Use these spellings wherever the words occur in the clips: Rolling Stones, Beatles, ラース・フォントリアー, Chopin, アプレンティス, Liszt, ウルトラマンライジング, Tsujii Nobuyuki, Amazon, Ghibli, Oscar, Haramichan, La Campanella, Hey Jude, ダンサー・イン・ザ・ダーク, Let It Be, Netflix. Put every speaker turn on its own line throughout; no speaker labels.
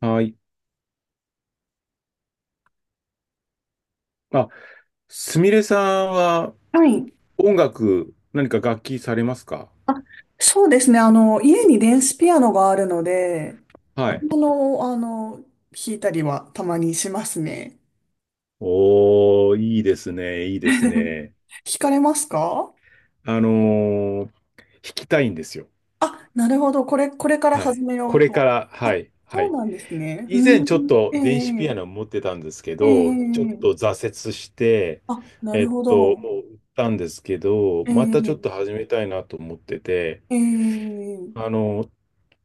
はい。あ、すみれさんは
はい。
音楽、何か楽器されますか？
あ、そうですね。家に電子ピアノがあるので、
はい。
あの、あの、弾いたりはたまにしますね。
おー、いいですね、いい です
弾
ね。
かれますか？
あのー弾きたいんですよ。
あ、なるほど。これから
は
始
い。
めよ
こ
う
れか
と。
ら、は
あ、
い、は
そう
い。
なんですね。
以
う
前ちょっ
ん。
と
え
電子ピアノ
え、
持ってたんですけど、ちょっ
ええ。
と挫折して、
あ、なるほ
も
ど。
う売ったんですけど、またちょっ
え
と
え、
始めたいなと思ってて、
ええ。
あのー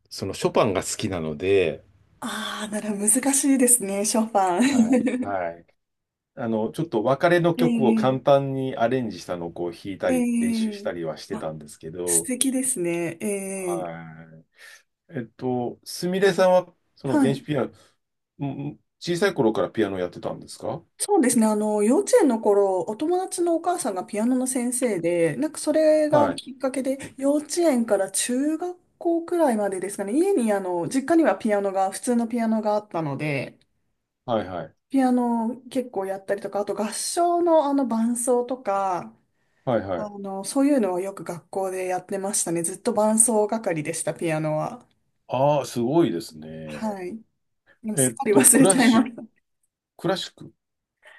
そのショパンが好きなので、
ああー、なら難しいですね、ショパン。
はい、はい。あの、ちょっと別れの曲を
え
簡
え、
単にアレンジしたのをこう弾いた
え
り、練習し
え。
たりはして
あ、
たんですけ
素
ど、
敵ですね。ええ。
はい。えっと、すみれさんは、その
は
電子
い。
ピアノ、小さい頃からピアノやってたんですか？
そうですね。幼稚園の頃、お友達のお母さんがピアノの先生で、なんかそれが
はい。
きっかけで、幼稚園から中学校くらいまでですかね。家に、あの、実家にはピアノが、普通のピアノがあったので、
はいはい。
ピアノを結構やったりとか、あと合唱のあの伴奏とか、
はいはい。
そういうのはよく学校でやってましたね。ずっと伴奏係でした、ピアノは。
ああ、すごいですね。
はい。でもす
え
っか
っ
り
と、
忘
ク
れち
ラ
ゃい
シ
ま
ック、クラシック。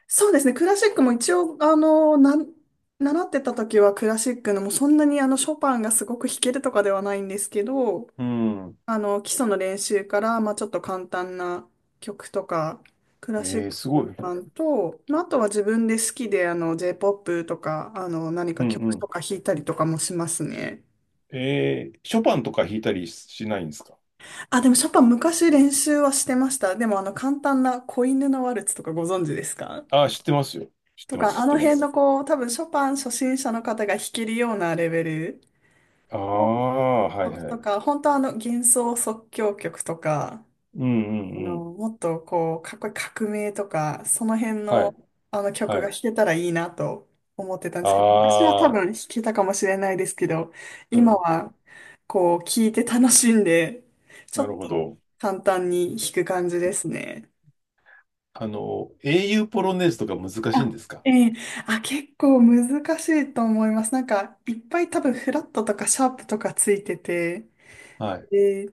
そうですね。クラシックも一応、習ってた時はクラシックのもうそんなにあのショパンがすごく弾けるとかではないんですけど、
うん。
あの、基礎の練習から、まあちょっと簡単な曲とか、ク
え
ラシッ
ー、
ク
すご
全
い。
般と、まああとは自分で好きであの j ポップとか、何
う
か
んう
曲と
ん。
か弾いたりとかもしますね。
えー、ショパンとか弾いたりしないんですか？
あ、でもショパン昔練習はしてました。でもあの簡単な子犬のワルツとかご存知ですか？
ああー、知ってますよ。知っ
と
てます、
か、
知
あ
って
の
ま
辺
す。
のこう、多分ショパン初心者の方が弾けるようなレベル
あ
の
あ、はい
曲
は
と
い。
か、本当あの幻想即興曲とか、
うんう
あ
んう
の、
ん。
もっとこう、かっこいい革命とか、その辺
は
の
い、
あの曲
は
が
い。
弾けたらいいなと思ってたんですけど、昔は多
ああ、
分弾けたかもしれないですけど、
う
今
ん、
はこう、聴いて楽しんで、ちょ
なる
っ
ほ
と
ど。
簡単に弾く感じですね。
あの、英雄ポロネーズとか難しいん
あ。
ですか？
ええ。あ、結構難しいと思います。なんか、いっぱい多分フラットとかシャープとかついてて、
はい。
で、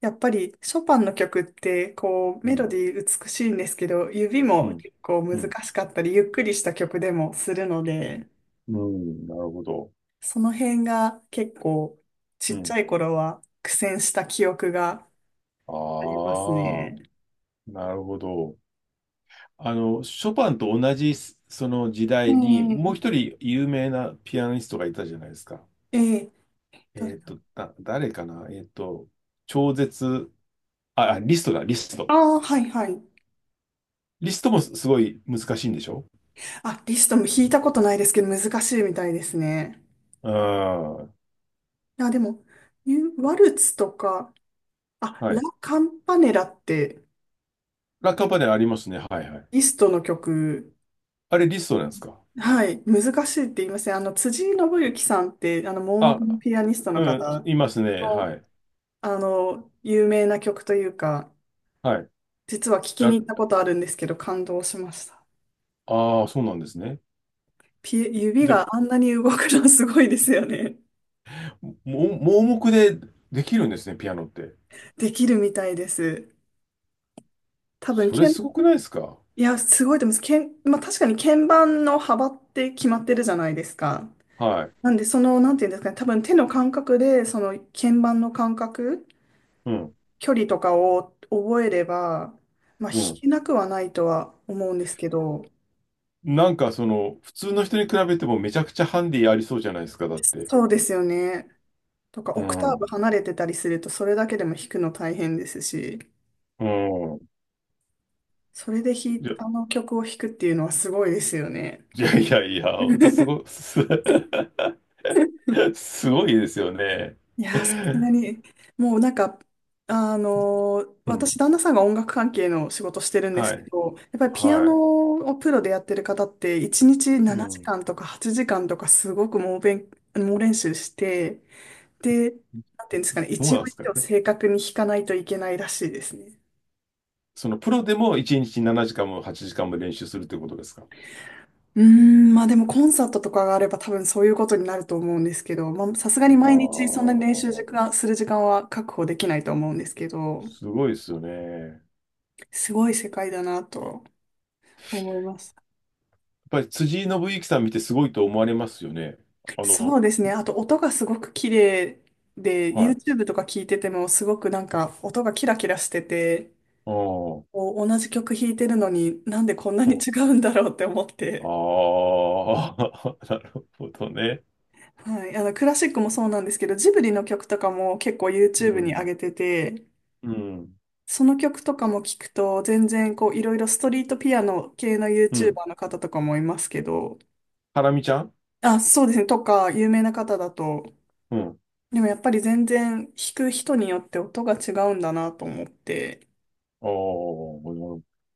やっぱりショパンの曲って、こう、
う
メロ
ん、
ディー美しいんですけど、指
う
も
ん、
結構
う
難
ん、
しかったり、ゆっくりした曲でもするの
うん、
で、
うんなるほど。
その辺が結構、ち
う
っち
ん。
ゃい頃は苦戦した記憶が
あ
あります
あ、
ね。
なるほど。あの、ショパンと同じその時代に、もう一
ええ。
人有名なピアニストがいたじゃないですか。
ええ。誰だ。
誰かな超絶、リストだ、リスト。
ああー、はいはい。
リストもすごい難しいんでしょ？
あ、リストも弾いたことないですけど、難しいみたいですね。
うん。は
あ、でも、ユワルツとか、あ、ラ・
い、
カンパネラって、
ラッカパネルありますね。はいはい。
リストの曲、
あれリストなんですか？
はい、難しいって言いません。辻井伸行さんって、あの、盲目
あ、
のピアニストの
うん、
方
いますね。は
の、
い。
あの、有名な曲というか、
はい。
実は聞きに
ラ、
行ったことあるんですけど、感動しました。
ああ、そうなんですね。
指
で、
があんなに動くのすごいですよね。
も、盲目でできるんですね、ピアノって。
できるみたいです。多分、
それすごくないですか？
いや、すごいと思います。まあ、確かに鍵盤の幅って決まってるじゃないですか。
はい。
なんで、その、なんていうんですかね、多分手の感覚で、その鍵盤の感覚、
うん、
距離とかを覚えれば、まあ、弾
うん。
けなくはないとは思うんですけど、
なんかその、普通の人に比べてもめちゃくちゃハンディありそうじゃないですか、だって。
そうですよね。とか、
う
オクターブ
ん。
離れてたりすると、それだけでも弾くの大変ですし、
うん。
それで
いや、
あの曲を弾くっていうのはすごいですよね。
いやいやいや、ほんとす ご、す、すごいですよね。
いやー、さすがに、もうなんか、
う
私、
ん。
旦那さんが音楽関係の仕事してるんです
は
け
い。
ど、やっぱりピア
は
ノをプロでやってる方って、1日
い。う
7
ん。
時間とか8時間とか、すごく猛練習して、で、なんていうんですかね、
どう
一
なんで
音
す
一
か？
音正確に弾かないといけないらしいですね。
そのプロでも1日7時間も8時間も練習するってことですか？
うーん、まあでもコンサートとかがあれば多分そういうことになると思うんですけど、まあさすが
い
に
や
毎日そんなに練習時
ー、
間、する時間は確保できないと思うんですけど、
すごいですよね。やっ
すごい世界だなと思います。
ぱり辻井伸行さん見てすごいと思われますよね。あ
そ
の、
うですね。あと音がすごく綺麗で、
はい。
YouTube とか聞いててもすごくなんか音がキラキラしてて、
あー
こう同じ曲弾いてるのになんでこんなに違うんだろうって思っ
あ
て。
ー、なるほどね。
はい。クラシックもそうなんですけど、ジブリの曲とかも結構
う
YouTube に上
ん、
げてて、
うん、
その曲とかも聞くと全然こういろいろストリートピアノ系の
うん。
YouTuber の方とかもいますけど、
ハラミちゃん。
あ、そうですね。とか、有名な方だと、
うん。
でもやっぱり全然弾く人によって音が違うんだなと思って。
あー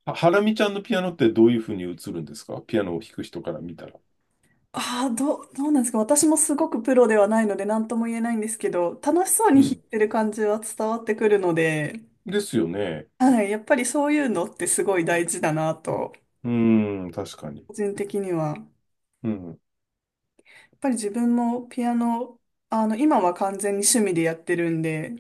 はハラミちゃんのピアノってどういうふうに映るんですか？ピアノを弾く人から見たら。
ああ、どうなんですか？私もすごくプロではないので何とも言えないんですけど、楽しそう
う
に弾い
ん。
てる感じは伝わってくるので、
ですよね。
はい、やっぱりそういうのってすごい大事だなと、
うん、確かに。
個人的には。や
うん。
っぱり自分もピアノ、あの、今は完全に趣味でやってるんで、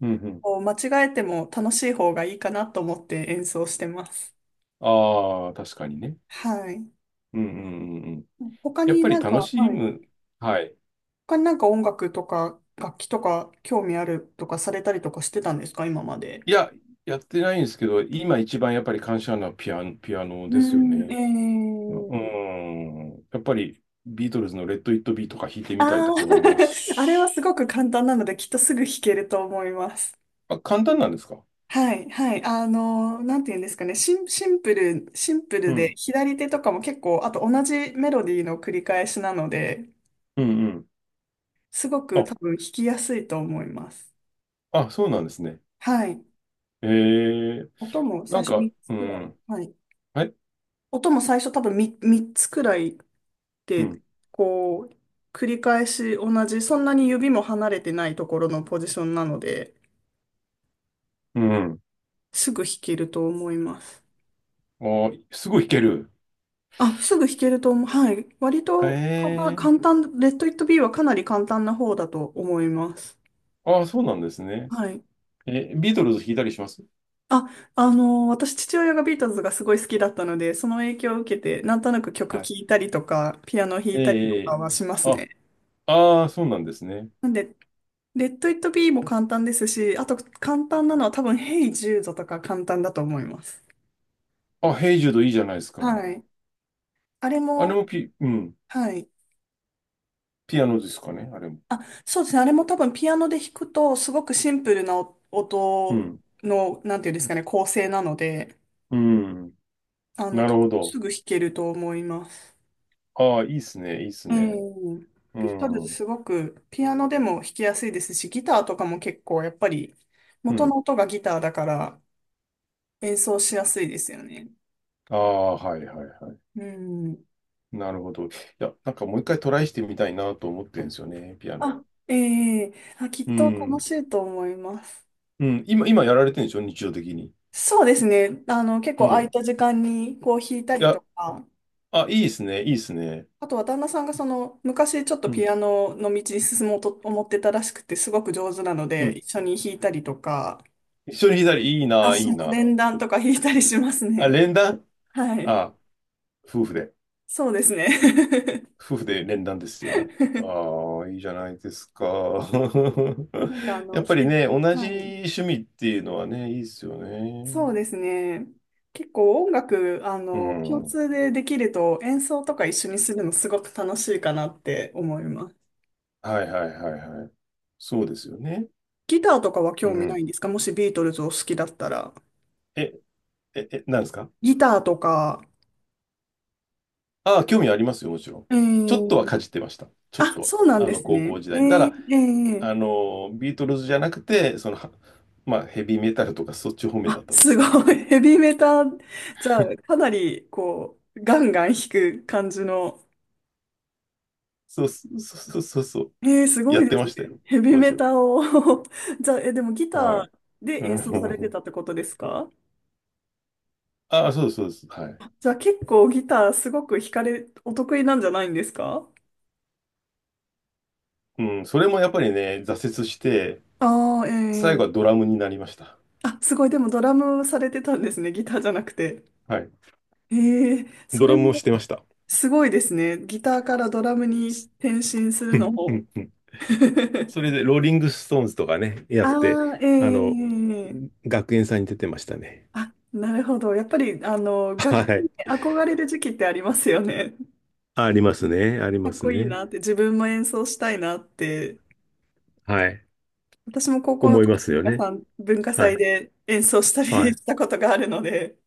うんうん。
こう間違えても楽しい方がいいかなと思って演奏してます。
ああ、確かにね。
はい。
うんうんうんうん。
他
やっ
に
ぱり
なん
楽
か、
し
はい。
む。はい。
他になんか音楽とか楽器とか興味あるとかされたりとかしてたんですか、今まで？
いや、やってないんですけど、今一番やっぱり感謝なピアノ、ピアノ
う
ですよ
ん。
ね。ううん。やっぱりビートルズのレッド・イット・ビーとか弾いてみたい
あ
と
あ、
か思います
あれはすご
し。
く簡単なので、きっとすぐ弾けると思います。
あ、簡単なんですか？
はい、はい。なんて言うんですかね。シン、シンプル、シンプ
う
ルで、
ん。
左手とかも結構、あと同じメロディーの繰り返しなので、
うんうん。
すごく
あ、
多分弾きやすいと思います。
あ、そうなんですね。
はい。
えー
音も最
なん
初
か、
3つ
う
くらい。
ん。
はい。
はい。
音も最初多分 三つくらい
う
て、
ん。
こう、繰り返し同じ、そんなに指も離れてないところのポジションなので、
うん。
すぐ弾けると思います。
あー、すごい弾ける。
あ、すぐ弾けると思う。はい。割
へ
と
え。
簡単、レッド・イット・ビーはかなり簡単な方だと思います。
ああ、そうなんですね。
はい。
えービートルズ弾いたりします？
あ、私、父親がビートルズがすごい好きだったので、その影響を受けて、なんとなく曲
はい。
聴いたりとか、ピアノ弾いたりとか
え
はしま
ー、
す
あ、
ね。
ああ、そうなんですね。
なんで、レッド・イット・ビーも簡単ですし、あと簡単なのは多分、ヘイ・ジュードとか簡単だと思います。
あ、ヘイジュードいいじゃないですか。
はい。あれ
あれ
も、
もうん、
はい。
ピアノですかね、あれも。
あ、そうですね。あれも多分ピアノで弾くと、すごくシンプルな
う
音
ん、
の、なんていうんですかね、構成なので、
うん、な
多
る
分
ほど。
すぐ弾けると思います。
ああ、いいっすね、いいっす
う
ね。
ん。
う
ピートルズ
ん、う
すごくピアノでも弾きやすいですし、ギターとかも結構やっぱり元
ん。
の音がギターだから演奏しやすいですよね。
ああ、はいはいはい。
うん。
なるほど。いや、なんかもう一回トライしてみたいなと思ってるんですよね、ピアノ。
あ。ええ。あ、きっ
う
と楽
ん、
しいと思います。
うん、今、今やられてるんでしょ、日常的に。
そうですね。結
う
構空い
ん。
た時間にこう弾いた
い
りと
や、
か、
あ、いいっすね、いいっすね。
あとは旦那さんがその昔ちょっと
うん、
ピアノの道に進もうと思ってたらしくてすごく上手なの
う
で
ん。
一緒に弾いたりとか、
一緒にいい
あ、
な、い
そ
い
の
な。
連弾とか弾いたりします
あ、
ね。
連弾。
はい。
あ、夫婦で。
そうですね。
夫婦で連弾ですよね。ああ、いいじゃないですか。
なんかあ
や
の、
っぱりね、同じ
はい。
趣味っていうのはね、いいですよね。
そうですね。結構音楽、
う
共
ん。
通でできると演奏とか一緒にするのすごく楽しいかなって思います。
はいはいはいはい。そうですよね。
ギターとかは
う
興味な
ん。
いんですか？もしビートルズを好きだったら。
え、え、なんですか？
ギターとか、
ああ、興味ありますよ、もちろん。
え
ちょっとは
ー、
かじってました。ちょっ
あ、
と
そうなん
は。あ
で
の、
す
高
ね。
校時代に。ただ、あの、ビートルズじゃなくて、まあ、ヘビーメタルとかそっち方面
あ、
だったんで
す
すけどね。
ごい。ヘビーメタ、じゃあ、かなり、こう、ガンガン弾く感じの。
そうそうそうそうそう。
すご
やっ
い
て
です
ま
ね。
したよ、
ヘビー
当
メ
時は。
タを じゃあ、でもギ
は
ター
い。
で
う
演奏されて
ん
たってことですか？
ああ、そうです、そうです。はい。
じゃあ、結構ギターすごく弾かれ、お得意なんじゃないんですか？
うん、それもやっぱりね、挫折して、
ああー、
最
え
後
ー。
はドラムになりました。
あ、すごい。でもドラムされてたんですね。ギターじゃなくて。
はい。
ええ。そ
ド
れ
ラムを
も
してました。
すごいですね。ギターからドラムに
す
転身する
う
の
んう
も。
んうん。そ れで、ローリングストーンズとかね、やって、
ああ。
あの、
ええ。
学園祭に出てましたね。
あ、なるほど。やっぱり、
は
楽器
い。
に憧れる時期ってありますよね。
ありますね。あり
か
ま
っ
す
こいい
ね。
なって、自分も演奏したいなって。
はい。
私も高校の
思い
時、
ますよ
皆
ね。
さん文化
は
祭
い。
で演奏したり
はい。
したことがあるので、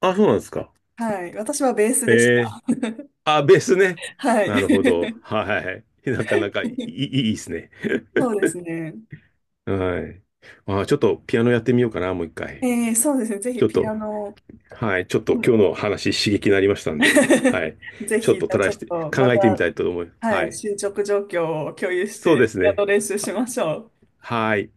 あ、そうなんですか。
はい。私はベースでし
ええ、
た。
あ、ベースね。
は
なるほど。
い。
はい。なかなかいい、い いですね。
そうですね。
はい。あー、ちょっとピアノやってみようかな、もう一回。
ええ。そうですね。ぜ
ち
ひ
ょっ
ピ
と、
アノ。
はい。ちょっと
う
今
ん。
日の話刺激になりましたんで、はい。
ぜ
ちょっ
ひ、じ
と
ゃ
ト
あ
ラ
ち
イ
ょ
し
っ
て、
とま
考えてみた
た、
いと思います。
は
は
い、
い。
進捗状況を共有し
そうで
て、
す
ピア
ね。
ノ練習し
は、
ましょう。
はい。